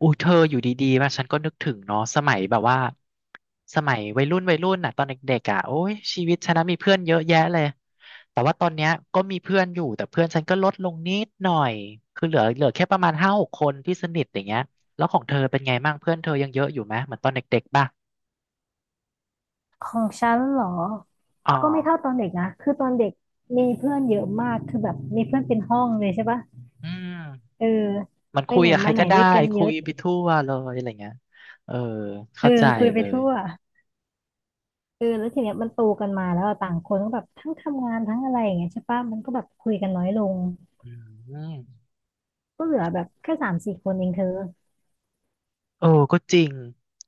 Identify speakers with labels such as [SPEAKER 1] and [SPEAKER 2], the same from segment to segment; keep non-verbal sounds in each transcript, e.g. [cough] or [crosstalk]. [SPEAKER 1] อู้เธออยู่ดีๆมาฉันก็นึกถึงเนาะสมัยแบบว่าสมัยวัยรุ่นวัยรุ่นน่ะตอนเด็กๆอ่ะโอ้ยชีวิตฉันนะมีเพื่อนเยอะแยะเลยแต่ว่าตอนเนี้ยก็มีเพื่อนอยู่แต่เพื่อนฉันก็ลดลงนิดหน่อยคือเหลือแค่ประมาณ5-6 คนที่สนิทอย่างเงี้ยแล้วของเธอเป็นไงบ้างเพื่อนเธอยังเยอะอยู่ไหมเหมือนตอนเด็กๆป่ะ
[SPEAKER 2] ของฉันเหรอ
[SPEAKER 1] อ๋อ
[SPEAKER 2] ก็ไม่เท่าตอนเด็กนะคือตอนเด็กมีเพื่อนเยอะมากคือแบบมีเพื่อนเป็นห้องเลยใช่ปะ
[SPEAKER 1] อืม
[SPEAKER 2] เออ
[SPEAKER 1] มัน
[SPEAKER 2] ไป
[SPEAKER 1] คุย
[SPEAKER 2] ไหน
[SPEAKER 1] กับใคร
[SPEAKER 2] มาไหน
[SPEAKER 1] ก็ได้
[SPEAKER 2] ด้วยกันเย
[SPEAKER 1] คุ
[SPEAKER 2] อะ
[SPEAKER 1] ยไปทั่วเลยอะไรเงี้ยเออ
[SPEAKER 2] เออ
[SPEAKER 1] เข้าใจ
[SPEAKER 2] คุยไป
[SPEAKER 1] เลย
[SPEAKER 2] ทั่วเออแล้วทีเนี้ยมันโตกันมาแล้วอะต่างคนก็แบบทั้งทำงานทั้งอะไรอย่างเงี้ยใช่ปะมันก็แบบคุยกันน้อยลง
[SPEAKER 1] อืม
[SPEAKER 2] ก็เหลือแบบแค่สามสี่คนเองเธอ
[SPEAKER 1] เออก็จริง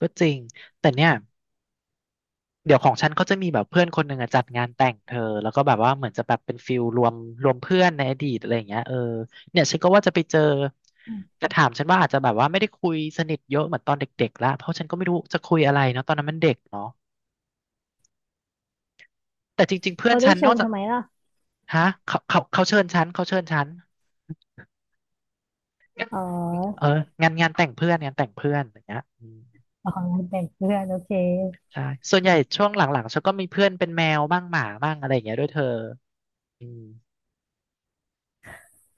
[SPEAKER 1] ก็จริงแต่เนี่ย เดี๋ยวของฉันเขาจะมีแบบเพื่อนคนหนึ่งอะจัดงานแต่งเธอแล้วก็แบบว่าเหมือนจะแบบเป็นฟิลรวมเพื่อนในอดีตอะไรอย่างเงี้ยเออเนี่ยฉันก็ว่าจะไปเจอ
[SPEAKER 2] อืม
[SPEAKER 1] แต่ถามฉันว่าอาจจะแบบว่าไม่ได้คุยสนิทเยอะเหมือนตอนเด็กๆละเพราะฉันก็ไม่รู้จะคุยอะไรเนาะตอนนั้นมันเด็กเนาะแต่จริงๆเพื่อน
[SPEAKER 2] เขาได้
[SPEAKER 1] ฉันน
[SPEAKER 2] เชิ
[SPEAKER 1] อก
[SPEAKER 2] ญ
[SPEAKER 1] จาก
[SPEAKER 2] ทำไมล่ะ
[SPEAKER 1] ฮะเขาเชิญฉันเขาเชิญฉัน
[SPEAKER 2] อ๋
[SPEAKER 1] เอ
[SPEAKER 2] อ
[SPEAKER 1] องานแต่งเพื่อนงานแต่งเพื่อนอย่างเงี้ยอืม
[SPEAKER 2] อ๋อแต่งเพื่อนโอเค
[SPEAKER 1] ใช่ส่วนใหญ่ช่วงหลังๆฉันก็มีเพื่อนเป็นแมวบ้างหมาบ้างอะไรอย่างเงี้ยด้วยเธออืม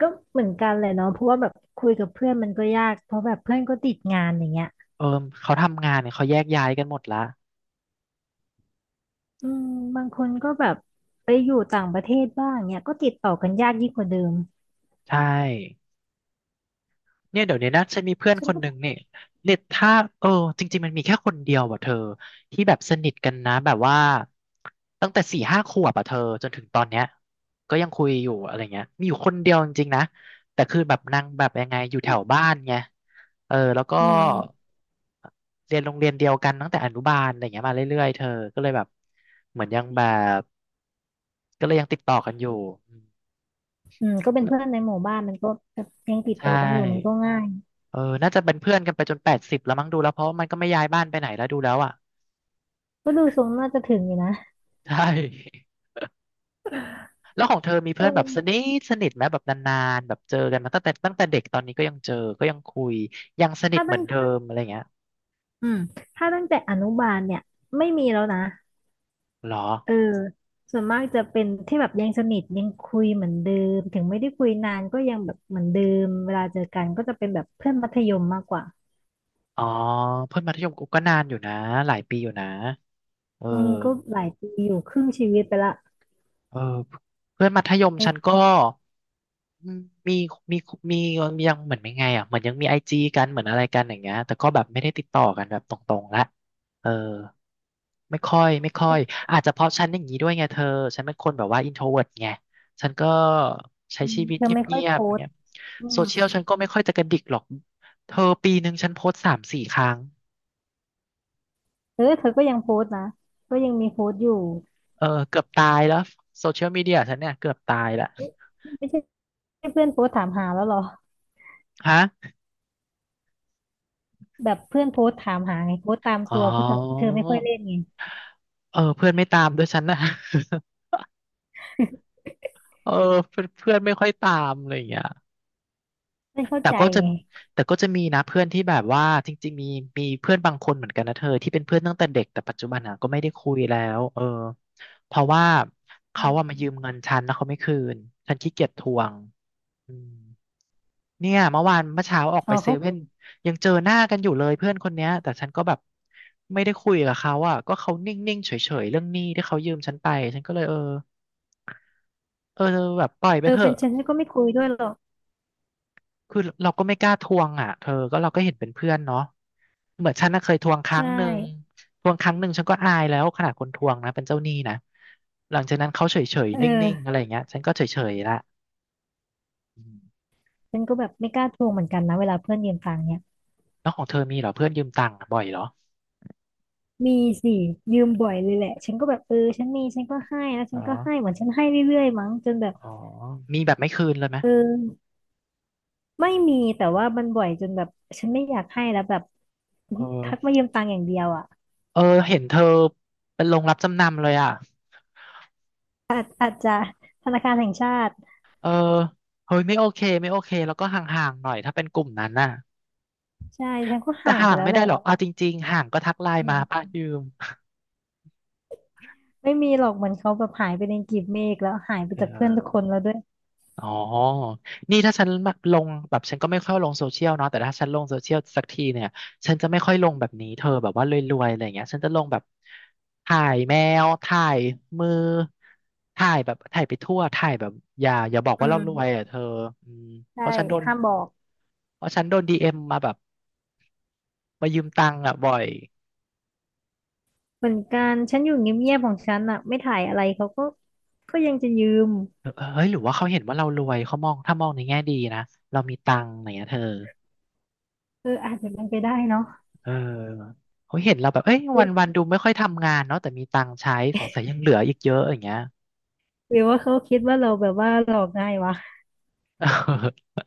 [SPEAKER 2] ก็เหมือนกันเลยเนาะเพราะว่าแบบคุยกับเพื่อนมันก็ยากเพราะแบบเพื่อนก็ติดงานอย่างเงี้ย
[SPEAKER 1] เออเขาทำงานเนี่ยเขาแยกย้ายกันหมดละ
[SPEAKER 2] อืมบางคนก็แบบไปอยู่ต่างประเทศบ้างเนี่ยก็ติดต่อกันยากยิ่งกว่าเดิม
[SPEAKER 1] ใช่เนี่ยเดี๋ยวนี้นะฉันมีเพื่อน
[SPEAKER 2] ฉั
[SPEAKER 1] ค
[SPEAKER 2] น
[SPEAKER 1] น
[SPEAKER 2] ก็
[SPEAKER 1] ห
[SPEAKER 2] บ
[SPEAKER 1] นึ่
[SPEAKER 2] อ
[SPEAKER 1] ง
[SPEAKER 2] ก
[SPEAKER 1] เนี่ยเน็ตถ้าเออจริงๆมันมีแค่คนเดียวอ่ะเธอที่แบบสนิทกันนะแบบว่าตั้งแต่4-5 ขวบอ่ะเธอจนถึงตอนเนี้ยก็ยังคุยอยู่อะไรเงี้ยมีอยู่คนเดียวจริงๆนะแต่คือแบบนางแบบยังไงอยู่แถว
[SPEAKER 2] ว่า
[SPEAKER 1] บ้านไงเออแล้วก็
[SPEAKER 2] อืม
[SPEAKER 1] เรียนโรงเรียนเดียวกันตั้งแต่อนุบาลอะไรเงี้ยมาเรื่อยๆเธอก็เลยแบบเหมือนยังแบบก็เลยยังติดต่อกันอยู่อืม
[SPEAKER 2] อืมก็เป็นเพื่อนในหมู่บ้านมันก็แบบยังติดต่
[SPEAKER 1] ใช่
[SPEAKER 2] อกันอยู่มันก็ง่าย
[SPEAKER 1] เออน่าจะเป็นเพื่อนกันไปจน80แล้วมั้งดูแล้วเพราะมันก็ไม่ย้ายบ้านไปไหนแล้วดูแล้วอ่ะ
[SPEAKER 2] ก็ดูทรงน่าจะถึงอยู่นะ
[SPEAKER 1] ใช่ [laughs] แล้วของเธอมี
[SPEAKER 2] เอ
[SPEAKER 1] เพื่อนแบบสนิ
[SPEAKER 2] อ
[SPEAKER 1] ทสนิทไหมแบบนานๆแบบเจอกันมาตั้งแต่เด็กตอนนี้ก็ยังเจอก็ยังคุยยังสนิท
[SPEAKER 2] ถ้า
[SPEAKER 1] เหมื
[SPEAKER 2] ตั้
[SPEAKER 1] อ
[SPEAKER 2] ง
[SPEAKER 1] นเดิมอะไรเงี้ย
[SPEAKER 2] อืมถ้าตั้งแต่อนุบาลเนี่ยไม่มีแล้วนะ
[SPEAKER 1] เหรอ
[SPEAKER 2] เออส่วนมากจะเป็นที่แบบยังสนิทยังคุยเหมือนเดิมถึงไม่ได้คุยนานก็ยังแบบเหมือนเดิมเวลาเจอกันก็จะเป็นแบบเพื่อนมัธยมมากกว่า
[SPEAKER 1] อ๋อเพื่อนมัธยมกูก็นานอยู่นะหลายปีอยู่นะเออ
[SPEAKER 2] อืมก็หลายปีอยู่ครึ่งชีวิตไปละ
[SPEAKER 1] เออเพื่อนมัธยมฉันก็อืมมีมีมียังเหมือนไม่ไงอ่ะเหมือนยังมีไอจีกันเหมือนอะไรกันอย่างเงี้ยแต่ก็แบบไม่ได้ติดต่อกันแบบตรงๆละเออ ไม่ค่อยไม่ค่อยอาจจะเพราะฉันอย่างนี้ด้วยไงเธอฉันเป็นคนแบบว่าอินโทรเวิร์ไงฉันก็ใช้
[SPEAKER 2] อืม
[SPEAKER 1] ชีวิต
[SPEAKER 2] เธอ
[SPEAKER 1] เ
[SPEAKER 2] ไม่ค่
[SPEAKER 1] งี
[SPEAKER 2] อย
[SPEAKER 1] ย
[SPEAKER 2] โพ
[SPEAKER 1] บๆอย่าง
[SPEAKER 2] ส
[SPEAKER 1] เงี้
[SPEAKER 2] ต์
[SPEAKER 1] ย
[SPEAKER 2] อื
[SPEAKER 1] โซ
[SPEAKER 2] ม
[SPEAKER 1] เชียลฉันก็ไม่ค่อยจะกระดิกหรอกเธอปีหนึ่งฉันโพสต์3-4 ครั้ง
[SPEAKER 2] เออเธอก็ยังโพสต์นะก็ยังมีโพสต์อยู่
[SPEAKER 1] เออเกือบตายแล้วโซเชียลมีเดียฉันเนี่ยเกือบตายละ
[SPEAKER 2] เอ๊ะไม่ใช่เพื่อนโพสต์ถามหาแล้วเหรอ
[SPEAKER 1] ฮะ
[SPEAKER 2] แบบเพื่อนโพสต์ถามหาไงโพสต์ตาม
[SPEAKER 1] อ๋อ
[SPEAKER 2] ตัวเพราะเธอเธอไม่ค่อยเล่นไง
[SPEAKER 1] เออเพื่อนไม่ตามด้วยฉันนะ [laughs] เออเพื่อนเพื่อนไม่ค่อยตามอะไรอย่างเงี้ย
[SPEAKER 2] ไม่เข้า
[SPEAKER 1] แต่
[SPEAKER 2] ใจ
[SPEAKER 1] ก็จะ
[SPEAKER 2] ไง
[SPEAKER 1] แต่ก็จะมีนะเพื่อนที่แบบว่าจริงๆมีเพื่อนบางคนเหมือนกันนะเธอที่เป็นเพื่อนตั้งแต่เด็กแต่ปัจจุบันอ่ะก็ไม่ได้คุยแล้วเออเพราะว่า
[SPEAKER 2] อื
[SPEAKER 1] เขาอะมา
[SPEAKER 2] ม
[SPEAKER 1] ยืมเงินฉันแล้วเขาไม่คืนฉันขี้เกียจทวงอืมเนี่ยเมื่อวานเมื่อเช้าออก
[SPEAKER 2] อ๋
[SPEAKER 1] ไป
[SPEAKER 2] อ
[SPEAKER 1] เซ
[SPEAKER 2] เขา
[SPEAKER 1] เว่นยังเจอหน้ากันอยู่เลยเพื่อนคนเนี้ยแต่ฉันก็แบบไม่ได้คุยกับเขาอ่ะก็เขานิ่งๆเฉยๆเรื่องหนี้ที่เขายืมฉันไปฉันก็เลยเออเออแบบปล่อยไป
[SPEAKER 2] เออ
[SPEAKER 1] เถ
[SPEAKER 2] เป็
[SPEAKER 1] อะ
[SPEAKER 2] นฉันก็ไม่คุยด้วยหรอก
[SPEAKER 1] คือเราก็ไม่กล้าทวงอ่ะเธอก็เราก็เห็นเป็นเพื่อนเนาะเหมือนฉันน่ะเคยทวงครั้ง
[SPEAKER 2] ใช่
[SPEAKER 1] หนึ่งทวงครั้งหนึ่งฉันก็อายแล้วขนาดคนทวงนะเป็นเจ้าหนี้นะ หลังจากนั้นเขาเฉย
[SPEAKER 2] เอ
[SPEAKER 1] ๆนิ่งๆอะไร
[SPEAKER 2] อ
[SPEAKER 1] อย่างเงี้ยฉันก็เฉยๆละอืม
[SPEAKER 2] ฉันก็แบบไม่กล้าทวงเหมือนกันนะเวลาเพื่อนยืมตังค์เนี่ย
[SPEAKER 1] แล้วของเธอมีเหรอเพื่อนยืมตังค์บ่อยเหรอ
[SPEAKER 2] มีสิยืมบ่อยเลยแหละฉันก็แบบเออฉันมีฉันก็ให้แล้ว
[SPEAKER 1] อ๋
[SPEAKER 2] ฉั
[SPEAKER 1] อ
[SPEAKER 2] นก็ให้เหมือนฉันให้เรื่อยๆมั้งจนแบบ
[SPEAKER 1] อ๋อมีแบบไม่คืนเลยไหม
[SPEAKER 2] เออ ไม่มีแต่ว่ามันบ่อยจนแบบฉันไม่อยากให้แล้วแบบ
[SPEAKER 1] เอ
[SPEAKER 2] ทัก
[SPEAKER 1] อ
[SPEAKER 2] มายืมตังค์อย่างเดียวอ่ะ
[SPEAKER 1] เออเห็นเธอเป็นโรงรับจำนำเลยอ่ะ
[SPEAKER 2] อาจจะธนาคารแห่งชาติ
[SPEAKER 1] เออเฮ้ยไม่โอเคไม่โอเคแล้วก็ห่างๆหน่อยถ้าเป็นกลุ่มนั้นน่ะ
[SPEAKER 2] ใช่ฉันก็
[SPEAKER 1] แต่
[SPEAKER 2] ห่าง
[SPEAKER 1] ห่า
[SPEAKER 2] ไป
[SPEAKER 1] ง
[SPEAKER 2] แล้ว
[SPEAKER 1] ไม่
[SPEAKER 2] แห
[SPEAKER 1] ได้
[SPEAKER 2] ละ
[SPEAKER 1] หรอกเอาจริงๆห่างก็ทักไลน์
[SPEAKER 2] อื
[SPEAKER 1] มาป้า
[SPEAKER 2] ม
[SPEAKER 1] ยืม
[SPEAKER 2] ไม่มีหรอกเหมือนเขาแบบหายไปในกลีบเมฆแล้วหายไป
[SPEAKER 1] เอ
[SPEAKER 2] จากเพื่อนทุกคน
[SPEAKER 1] อ
[SPEAKER 2] แล้วด้วย
[SPEAKER 1] อ๋อนี่ถ้าฉันแบบลงแบบฉันก็ไม่ค่อยลงโซเชียลเนาะแต่ถ้าฉันลงโซเชียลสักทีเนี่ยฉันจะไม่ค่อยลงแบบนี้เธอแบบว่ารวยๆอะไรอย่างเงี้ยฉันจะลงแบบถ่ายแมวถ่ายมือถ่ายแบบถ่ายไปทั่วถ่ายแบบอย่าบอก
[SPEAKER 2] อื
[SPEAKER 1] ว่าเรารวย
[SPEAKER 2] ม
[SPEAKER 1] อ่ะเธออืมเพ
[SPEAKER 2] ใช่
[SPEAKER 1] ราะฉันโดน
[SPEAKER 2] ห้ามบอก
[SPEAKER 1] เพราะฉันโดนดีเอ็มมาแบบมายืมตังค์อ่ะบ่อย
[SPEAKER 2] เหมือนกันฉันอยู่เงียบๆของฉันอ่ะไม่ถ่ายอะไรเขาก็ก็ยังจะยืม
[SPEAKER 1] เออเฮ้ยหรือว่าเขาเห็นว่าเรารวยเขามองถ้ามองในแง่ดีนะเรามีตังค์อะไรอย่างเงี้ยเธอ
[SPEAKER 2] เอออาจจะเป็นไปได้เนาะ
[SPEAKER 1] เออเขาเห็นเราแบบเอ้ย
[SPEAKER 2] หรื
[SPEAKER 1] วันวั
[SPEAKER 2] อ
[SPEAKER 1] นดูไม่ค่อยทำงานเนาะแต่มีตังค์ใช้สงสัยยังเหลืออีกเยอะอย่างเงี้ย
[SPEAKER 2] หรือว่าเขาคิดว่าเราแบบว่าหลอกง่ายวะ
[SPEAKER 1] [laughs]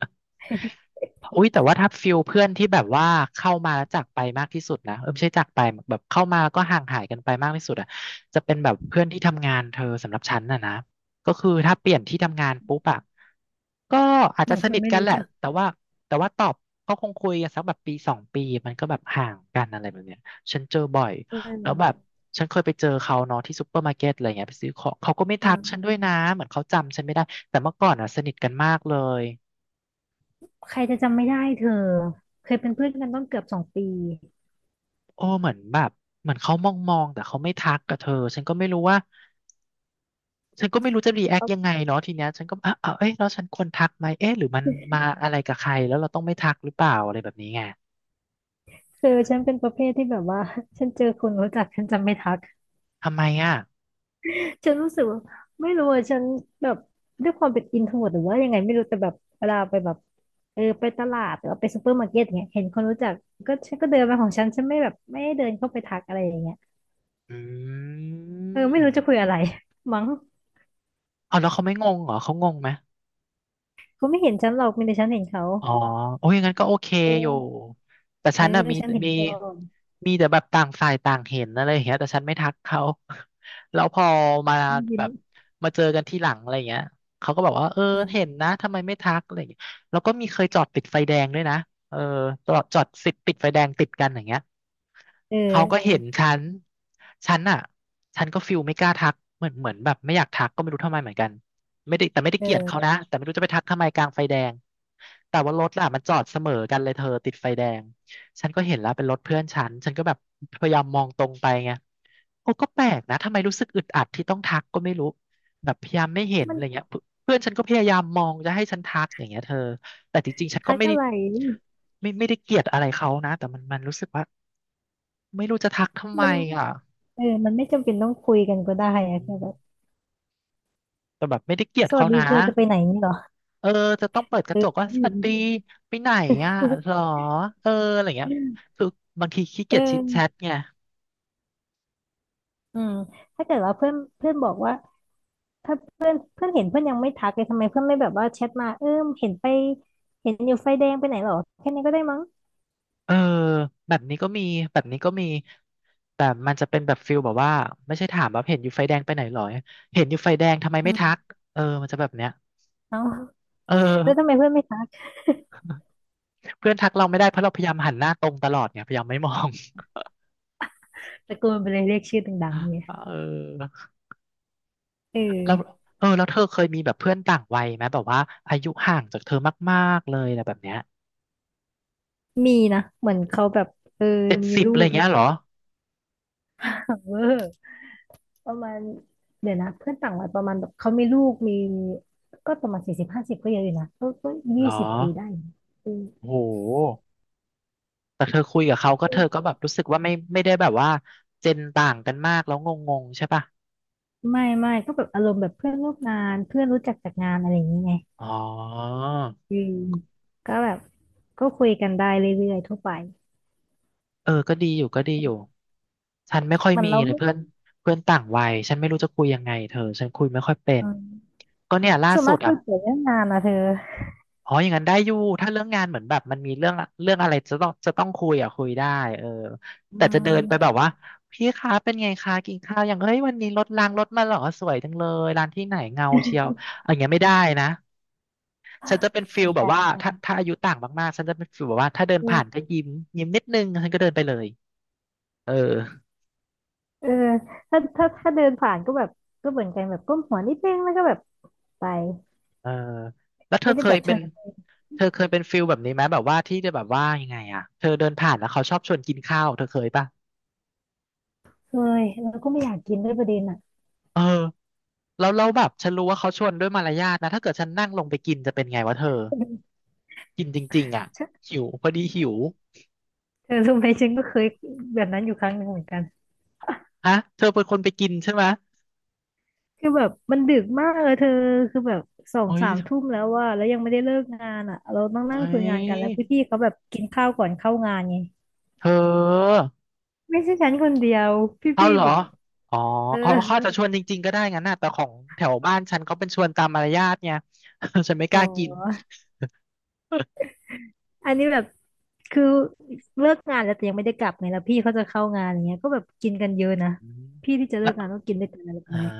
[SPEAKER 1] อุ้ยแต่ว่าถ้าฟิลเพื่อนที่แบบว่าเข้ามาแล้วจากไปมากที่สุดนะเออไม่ใช่จากไปแบบเข้ามาแล้วก็ห่างหายกันไปมากที่สุดอ่ะจะเป็นแบบเพื่อนที่ทำงานเธอสำหรับฉันน่ะนะก็คือถ้าเปลี่ยนที่ทำงานปุ๊บอะ ก็อาจ
[SPEAKER 2] เหมื
[SPEAKER 1] จะ
[SPEAKER 2] อน
[SPEAKER 1] ส
[SPEAKER 2] คน
[SPEAKER 1] นิท
[SPEAKER 2] ไม่
[SPEAKER 1] กัน
[SPEAKER 2] รู้
[SPEAKER 1] แหละ
[SPEAKER 2] จัก
[SPEAKER 1] แต่ว่าตอบก็คงคุยกันสักแบบปีสองปีมันก็แบบห่างกันอะไรแบบเนี้ยฉันเจอบ่อย
[SPEAKER 2] เอ
[SPEAKER 1] แล้วแบบ
[SPEAKER 2] อ
[SPEAKER 1] ฉันเคยไปเจอเขาเนาะที่ซูเปอร์มาร์เก็ตอะไรเงี้ยไปซื้อของเขาก็ไม่
[SPEAKER 2] อื
[SPEAKER 1] ทักฉันด้ว
[SPEAKER 2] ม
[SPEAKER 1] ยนะเหมือนเขาจำฉันไม่ได้แต่เมื่อก่อนอ่ะสนิทกันมากเลย
[SPEAKER 2] ใครจะจำไม่ได้เธอเคยเป็นเพื่อนกันต้องเกือบ2 ปี
[SPEAKER 1] โอ้เหมือนแบบเหมือนเขามองมองแต่เขาไม่ทักกับเธอฉันก็ไม่รู้ว่าฉันก็ไม่รู้จะรีแอค
[SPEAKER 2] แล้
[SPEAKER 1] ยังไงเนาะทีเนี้ยฉันก็อ่ะอ่ะเอ้ยแล้วฉันควรทักไหมเอ๊ะหรือมันมาอะไรกับใครแล้วเราต้องไม่ทักหรือเปล่าอะไรแบบนี้ไง
[SPEAKER 2] คือฉันเป็นประเภทที่แบบว่า [laughs] ฉันเจอคนรู้จักฉันจำไม่ทัก
[SPEAKER 1] ทำไมอ่ะ
[SPEAKER 2] ฉันรู้สึกว่าไม่รู้อะฉันแบบด้วยความเป็นอินโทรหรือว่ายังไงไม่รู้แต่แบบเวลาไปแบบเออไปตลาดหรือว่าไปซูเปอร์มาร์เก็ตอย่างเงี้ยเห็นคนรู้จักก็ฉันก็เดินมาของฉันฉันไม่แบบไม่ได้เดินเข้าไปทักอะไรอย่างเงี้ย
[SPEAKER 1] อื
[SPEAKER 2] เออไม่รู้จะคุย
[SPEAKER 1] ม
[SPEAKER 2] อะไร [laughs] มั้ง
[SPEAKER 1] เอาแล้วเขาไม่งงเหรอเขางงไหม
[SPEAKER 2] เขาไม่เห็นฉันหรอกมีแต่ฉันเห็นเขา
[SPEAKER 1] อ๋อโอ้ยงั้นก็โอเค
[SPEAKER 2] เอ
[SPEAKER 1] อยู่
[SPEAKER 2] อ
[SPEAKER 1] แต่
[SPEAKER 2] เอ
[SPEAKER 1] ฉั
[SPEAKER 2] อ
[SPEAKER 1] นน่ะ
[SPEAKER 2] ฉันเห็น
[SPEAKER 1] มี
[SPEAKER 2] ก่อน
[SPEAKER 1] มีแต่แบบต่างฝ่ายต่างเห็นอะไรอย่างเงี้ยแต่ฉันไม่ทักเขา [laughs] แล้วพอมา
[SPEAKER 2] ยิ้ม
[SPEAKER 1] แบ
[SPEAKER 2] ยิ้ม
[SPEAKER 1] บมาเจอกันที่หลังอะไรอย่างเงี้ยเขาก็บอกว่าเออ
[SPEAKER 2] อื
[SPEAKER 1] เห็น
[SPEAKER 2] ม
[SPEAKER 1] นะทำไมไม่ทักอะไรอย่างเงี้ยแล้วก็มีเคยจอดติดไฟแดงด้วยนะเออจอดสิติดไฟแดงติดกันอย่างเงี้ย
[SPEAKER 2] เอ
[SPEAKER 1] เขาก็
[SPEAKER 2] อ
[SPEAKER 1] เห็นฉันฉันอ่ะฉันก็ฟิลไม่กล้าทักเหมือนแบบไม่อยากทักก็ไม่รู้ทำไมเหมือนกัน ไม่ได้แต่ไม่ได้
[SPEAKER 2] เ
[SPEAKER 1] เกลียดเขา
[SPEAKER 2] ออ
[SPEAKER 1] นะแต่ไม่รู้จะไปทักทำไมกลางไฟแดงแต่ว่ารถล่ะมันจอดเสมอกันเลยเธอติดไฟแดงฉันก็เห็นแล้วเป็นรถเพื่อนฉันฉันก็แบบพยายามมองตรงไปไงโอ้ก็แปลกนะทำไมรู้สึกอึดอัดที่ต้องทักก็ไม่รู้แบบพยายามไม่เห็น
[SPEAKER 2] มั
[SPEAKER 1] อะ
[SPEAKER 2] น
[SPEAKER 1] ไรเงี้ยเพื่อนฉันก็พยายามมองจะให้ฉันทักอย่างเงี้ยเธอแต่จริงๆฉันก็
[SPEAKER 2] ทัก
[SPEAKER 1] ไม่ได้
[SPEAKER 2] อะไร
[SPEAKER 1] ไม่ได้เกลียดอะไรเขานะแต่มันรู้สึกว่าไม่รู้จะทักทำไม
[SPEAKER 2] มัน
[SPEAKER 1] อ่ะ
[SPEAKER 2] เออมันไม่จำเป็นต้องคุยกันก็ได้อะ
[SPEAKER 1] อื
[SPEAKER 2] แค่แบบ
[SPEAKER 1] มแต่แบบไม่ได้เกลียด
[SPEAKER 2] ส
[SPEAKER 1] เขา
[SPEAKER 2] วัสดี
[SPEAKER 1] นะ
[SPEAKER 2] เธอจะไปไหนนี่เหรอ
[SPEAKER 1] เออจะต้องเปิดก
[SPEAKER 2] เอ
[SPEAKER 1] ระจก
[SPEAKER 2] อ
[SPEAKER 1] ว่าสวัสดีไปไหนอ่ะหรอเอออะไรเงี้ยคือบางทีขี้
[SPEAKER 2] เอ
[SPEAKER 1] เกียจชิดแชท
[SPEAKER 2] อ
[SPEAKER 1] ไง
[SPEAKER 2] อืมถ้าเกิดว่าเพื่อนเพื่อนบอกว่าถ้าเพื่อนเห็นเพื่อนยังไม่ทักเลยทำไมเพื่อนไม่แบบว่าแชทมาเออเห็นไปเห็นอยู่ไฟแดงไปไหนเหรอแค่นี้ก็ได้มั้ง
[SPEAKER 1] เออแบบนี้ก็มีแบบนี้ก็มีแต่มันจะเป็นแบบฟิลแบบว่าไม่ใช่ถามว่าเห็นอยู่ไฟแดงไปไหนหรอเห็นอยู่ไฟแดงทำไม
[SPEAKER 2] อื
[SPEAKER 1] ไม่ทัก
[SPEAKER 2] ม
[SPEAKER 1] เออมันจะแบบเนี้ย
[SPEAKER 2] เอา
[SPEAKER 1] เอ
[SPEAKER 2] แล้วทำ
[SPEAKER 1] อ
[SPEAKER 2] ไมเพื่อนไม่ทัก
[SPEAKER 1] เพื่อนทักเราไม่ได้เพราะเราพยายามหันหน้าตรงตลอดไงพยายามไม่มอง
[SPEAKER 2] ตะโกนไปเลยเรียกชื่อดังๆเนี่ย
[SPEAKER 1] [laughs] เออ
[SPEAKER 2] เอ
[SPEAKER 1] แล้ว
[SPEAKER 2] อ
[SPEAKER 1] เธอเคยมีแบบเพื่อนต่างวัยไหมแบบว่าอายุห่างจากเธอมากๆเลยอะไรแบบเนี้ย
[SPEAKER 2] มีนะเหมือนเขาแบบเออ
[SPEAKER 1] เจ็ด
[SPEAKER 2] มี
[SPEAKER 1] สิบ
[SPEAKER 2] ลู
[SPEAKER 1] อะไร
[SPEAKER 2] กมี
[SPEAKER 1] เงี้ย
[SPEAKER 2] ค
[SPEAKER 1] เหร
[SPEAKER 2] รอ
[SPEAKER 1] อ
[SPEAKER 2] บครัว [laughs] ประมาณเดี๋ยวนะเพื่อนต่างวัยประมาณแบบเขามีลูกมีก็ประมาณ40-50ก็เยอะอยู่นะก็
[SPEAKER 1] เหร
[SPEAKER 2] ยี่
[SPEAKER 1] อ
[SPEAKER 2] สิบปีได้อืม
[SPEAKER 1] โอ้โหแต่เธอคุยกับเขาก็เธอก็แบบรู้สึกว่าไม่ได้แบบว่าเจนต่างกันมากแล้วงงๆใช่ป่ะ
[SPEAKER 2] ไม่ไม่ก็แบบอารมณ์แบบเพื่อนร่วมงานเพื่อนรู้จักจากงานอะไรอย่างเงี้ยไง
[SPEAKER 1] อ๋อ
[SPEAKER 2] อืมก็แบบก็คุยกันได้เรื่อยๆทั่วไป
[SPEAKER 1] เออก็ดีอยู่ก็ดีอยู่ฉันไม่ค่อย
[SPEAKER 2] มัน
[SPEAKER 1] มี
[SPEAKER 2] เรา
[SPEAKER 1] เลย
[SPEAKER 2] ไม่
[SPEAKER 1] เพื่อนเพื่อนต่างวัยฉันไม่รู้จะคุยยังไงเธอฉันคุยไม่ค่อยเป็น
[SPEAKER 2] อืม
[SPEAKER 1] ก็เนี่ยล่า
[SPEAKER 2] ส่วน
[SPEAKER 1] สุ
[SPEAKER 2] มา
[SPEAKER 1] ด
[SPEAKER 2] กคุ
[SPEAKER 1] อ่ะ
[SPEAKER 2] ยเกี่ยวเรื่องงานนะเธอ
[SPEAKER 1] อ๋ออย่างนั้นได้อยู่ถ้าเรื่องงานเหมือนแบบมันมีเรื่องเรื่องอะไรจะต้องคุยอ่ะคุยได้เออ
[SPEAKER 2] อื
[SPEAKER 1] แต่จะเดินไปแบบ
[SPEAKER 2] ม
[SPEAKER 1] ว่าพี่คะเป็นไงคะกินข้าวอย่างเฮ้ยวันนี้รถรางรถมาเหรอสวยจังเลยร้านที่ไหนเงาเชียวอย่างเงี้ยไม่ได้นะฉันจะเป็นฟิ
[SPEAKER 2] เห
[SPEAKER 1] ล
[SPEAKER 2] มือน
[SPEAKER 1] แบบ
[SPEAKER 2] กัน
[SPEAKER 1] ว่าถ้าอายุต่างมากๆฉันจะเป็นฟิลแบบว่าถ้าเดิน
[SPEAKER 2] อื
[SPEAKER 1] ผ่านก็
[SPEAKER 2] ม
[SPEAKER 1] ยิ้มยิ้มนิดนึงฉันก็เดินไปเลยเออ
[SPEAKER 2] เออถ้าเดินผ่านก็แบบก็เหมือนกันแบบก้มหัวนิดนึงแล้วก็แบบไป
[SPEAKER 1] เออแล้วเธอ
[SPEAKER 2] ไม่
[SPEAKER 1] เค
[SPEAKER 2] ได้แบ
[SPEAKER 1] ย
[SPEAKER 2] บช
[SPEAKER 1] เป็
[SPEAKER 2] ว
[SPEAKER 1] น
[SPEAKER 2] น
[SPEAKER 1] เธอเคยเป็นฟิลแบบนี้ไหมแบบว่าที่จะแบบว่ายังไงอ่ะเธอเดินผ่านแล้วเขาชอบชวนกินข้าวเธอเคยป่ะ
[SPEAKER 2] เคยแล้วก็ไม่อยากกินด้วยประเด็นอ่ะ
[SPEAKER 1] เออ แล้วเราแบบฉันรู้ว่าเขาชวนด้วยมารยาทนะถ้าเกิดฉันนั่งลงไปกินจะเป็นไงวะเธอกินจริงๆอ่ะ
[SPEAKER 2] ฉัน
[SPEAKER 1] หิวพอดีหิว
[SPEAKER 2] เธอรู้ไหมฉันก็เคยแบบนั้นอยู่ครั้งหนึ่งเหมือนกัน
[SPEAKER 1] ฮะเธอเป็นคนไปกินใช่ไหม
[SPEAKER 2] คือแบบมันดึกมากเลยเธอคือแบบสอง
[SPEAKER 1] เฮ้ย
[SPEAKER 2] สามทุ่มแล้วว่าแล้วยังไม่ได้เลิกงานอ่ะเราต้อง
[SPEAKER 1] เฮ้
[SPEAKER 2] นั่งคุยงานกัน
[SPEAKER 1] ย
[SPEAKER 2] แล้วพี่ๆเขาแบบกินข้าวก่อนเข้างานไง
[SPEAKER 1] เธอ
[SPEAKER 2] ไม่ใช่ฉันคนเดียว
[SPEAKER 1] เอา
[SPEAKER 2] พี่
[SPEAKER 1] เหร
[SPEAKER 2] ๆ
[SPEAKER 1] อ
[SPEAKER 2] แบบ
[SPEAKER 1] อ๋อ
[SPEAKER 2] เออ
[SPEAKER 1] อ๋อเขาอาจจะชวนจริงๆก็ได้งั้นนะแต่ของแถวบ้านฉันเขาเป็นชวนตามมารยาทไง [laughs] ฉันไม่ก
[SPEAKER 2] อ๋
[SPEAKER 1] ล้ากิน
[SPEAKER 2] อ
[SPEAKER 1] [laughs] แล
[SPEAKER 2] อันนี้แบบคือเลิกงานแล้วแต่ยังไม่ได้กลับไงแล้วพี่เขาจะเข้างานอย่างเงี้ยก็แบบกินกันเยอะนะพี่ที่จะเลิ
[SPEAKER 1] ้
[SPEAKER 2] กงาน
[SPEAKER 1] ว
[SPEAKER 2] ต้องกินด้วยกันอะไรประ
[SPEAKER 1] อ่า
[SPEAKER 2] มาณเนี้ย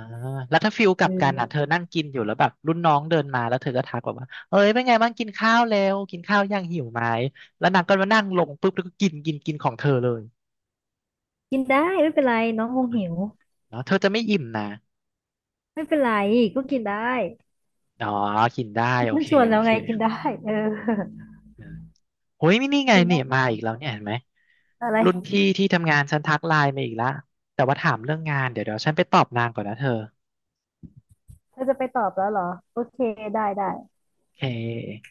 [SPEAKER 1] แล้วถ้าฟิลก
[SPEAKER 2] เ
[SPEAKER 1] ลับกันอ่ะเธอ
[SPEAKER 2] ออ
[SPEAKER 1] นั่งกินอยู่แล้วแบบรุ่นน้องเดินมาแล้วเธอก็ทักแบบว่าเอ้ยเป็นไงบ้างกินข้าวแล้วกินข้าวยังหิวไหมแล้วนางก็มานั่งลงปุ๊บแล้วก็กินกินกินของเธอเลย
[SPEAKER 2] กินได้ไม่เป็นไรน้องคงหิว
[SPEAKER 1] เนาะเธอจะไม่อิ่มนะ
[SPEAKER 2] ไม่เป็นไรก็กินได้
[SPEAKER 1] อ๋อกินได้โอ
[SPEAKER 2] มัน
[SPEAKER 1] เค
[SPEAKER 2] ชวน
[SPEAKER 1] โอ
[SPEAKER 2] แล้ว
[SPEAKER 1] เค
[SPEAKER 2] ไงกินได้เออ
[SPEAKER 1] อืมโอ้ยนี่ไง
[SPEAKER 2] กิน
[SPEAKER 1] เนี่
[SPEAKER 2] ได้
[SPEAKER 1] ยมาอีกแล้วเนี่ยเห็นไหม
[SPEAKER 2] อะไร
[SPEAKER 1] รุ่นพี่ที่ทำงานฉันทักไลน์มาอีกละแต่ว่าถามเรื่องงานเดี๋ยวฉันไปตอบนางก่อนนะเธอ
[SPEAKER 2] เธอจะไปตอบแล้วเหรอโอเคได้ได้
[SPEAKER 1] โอเค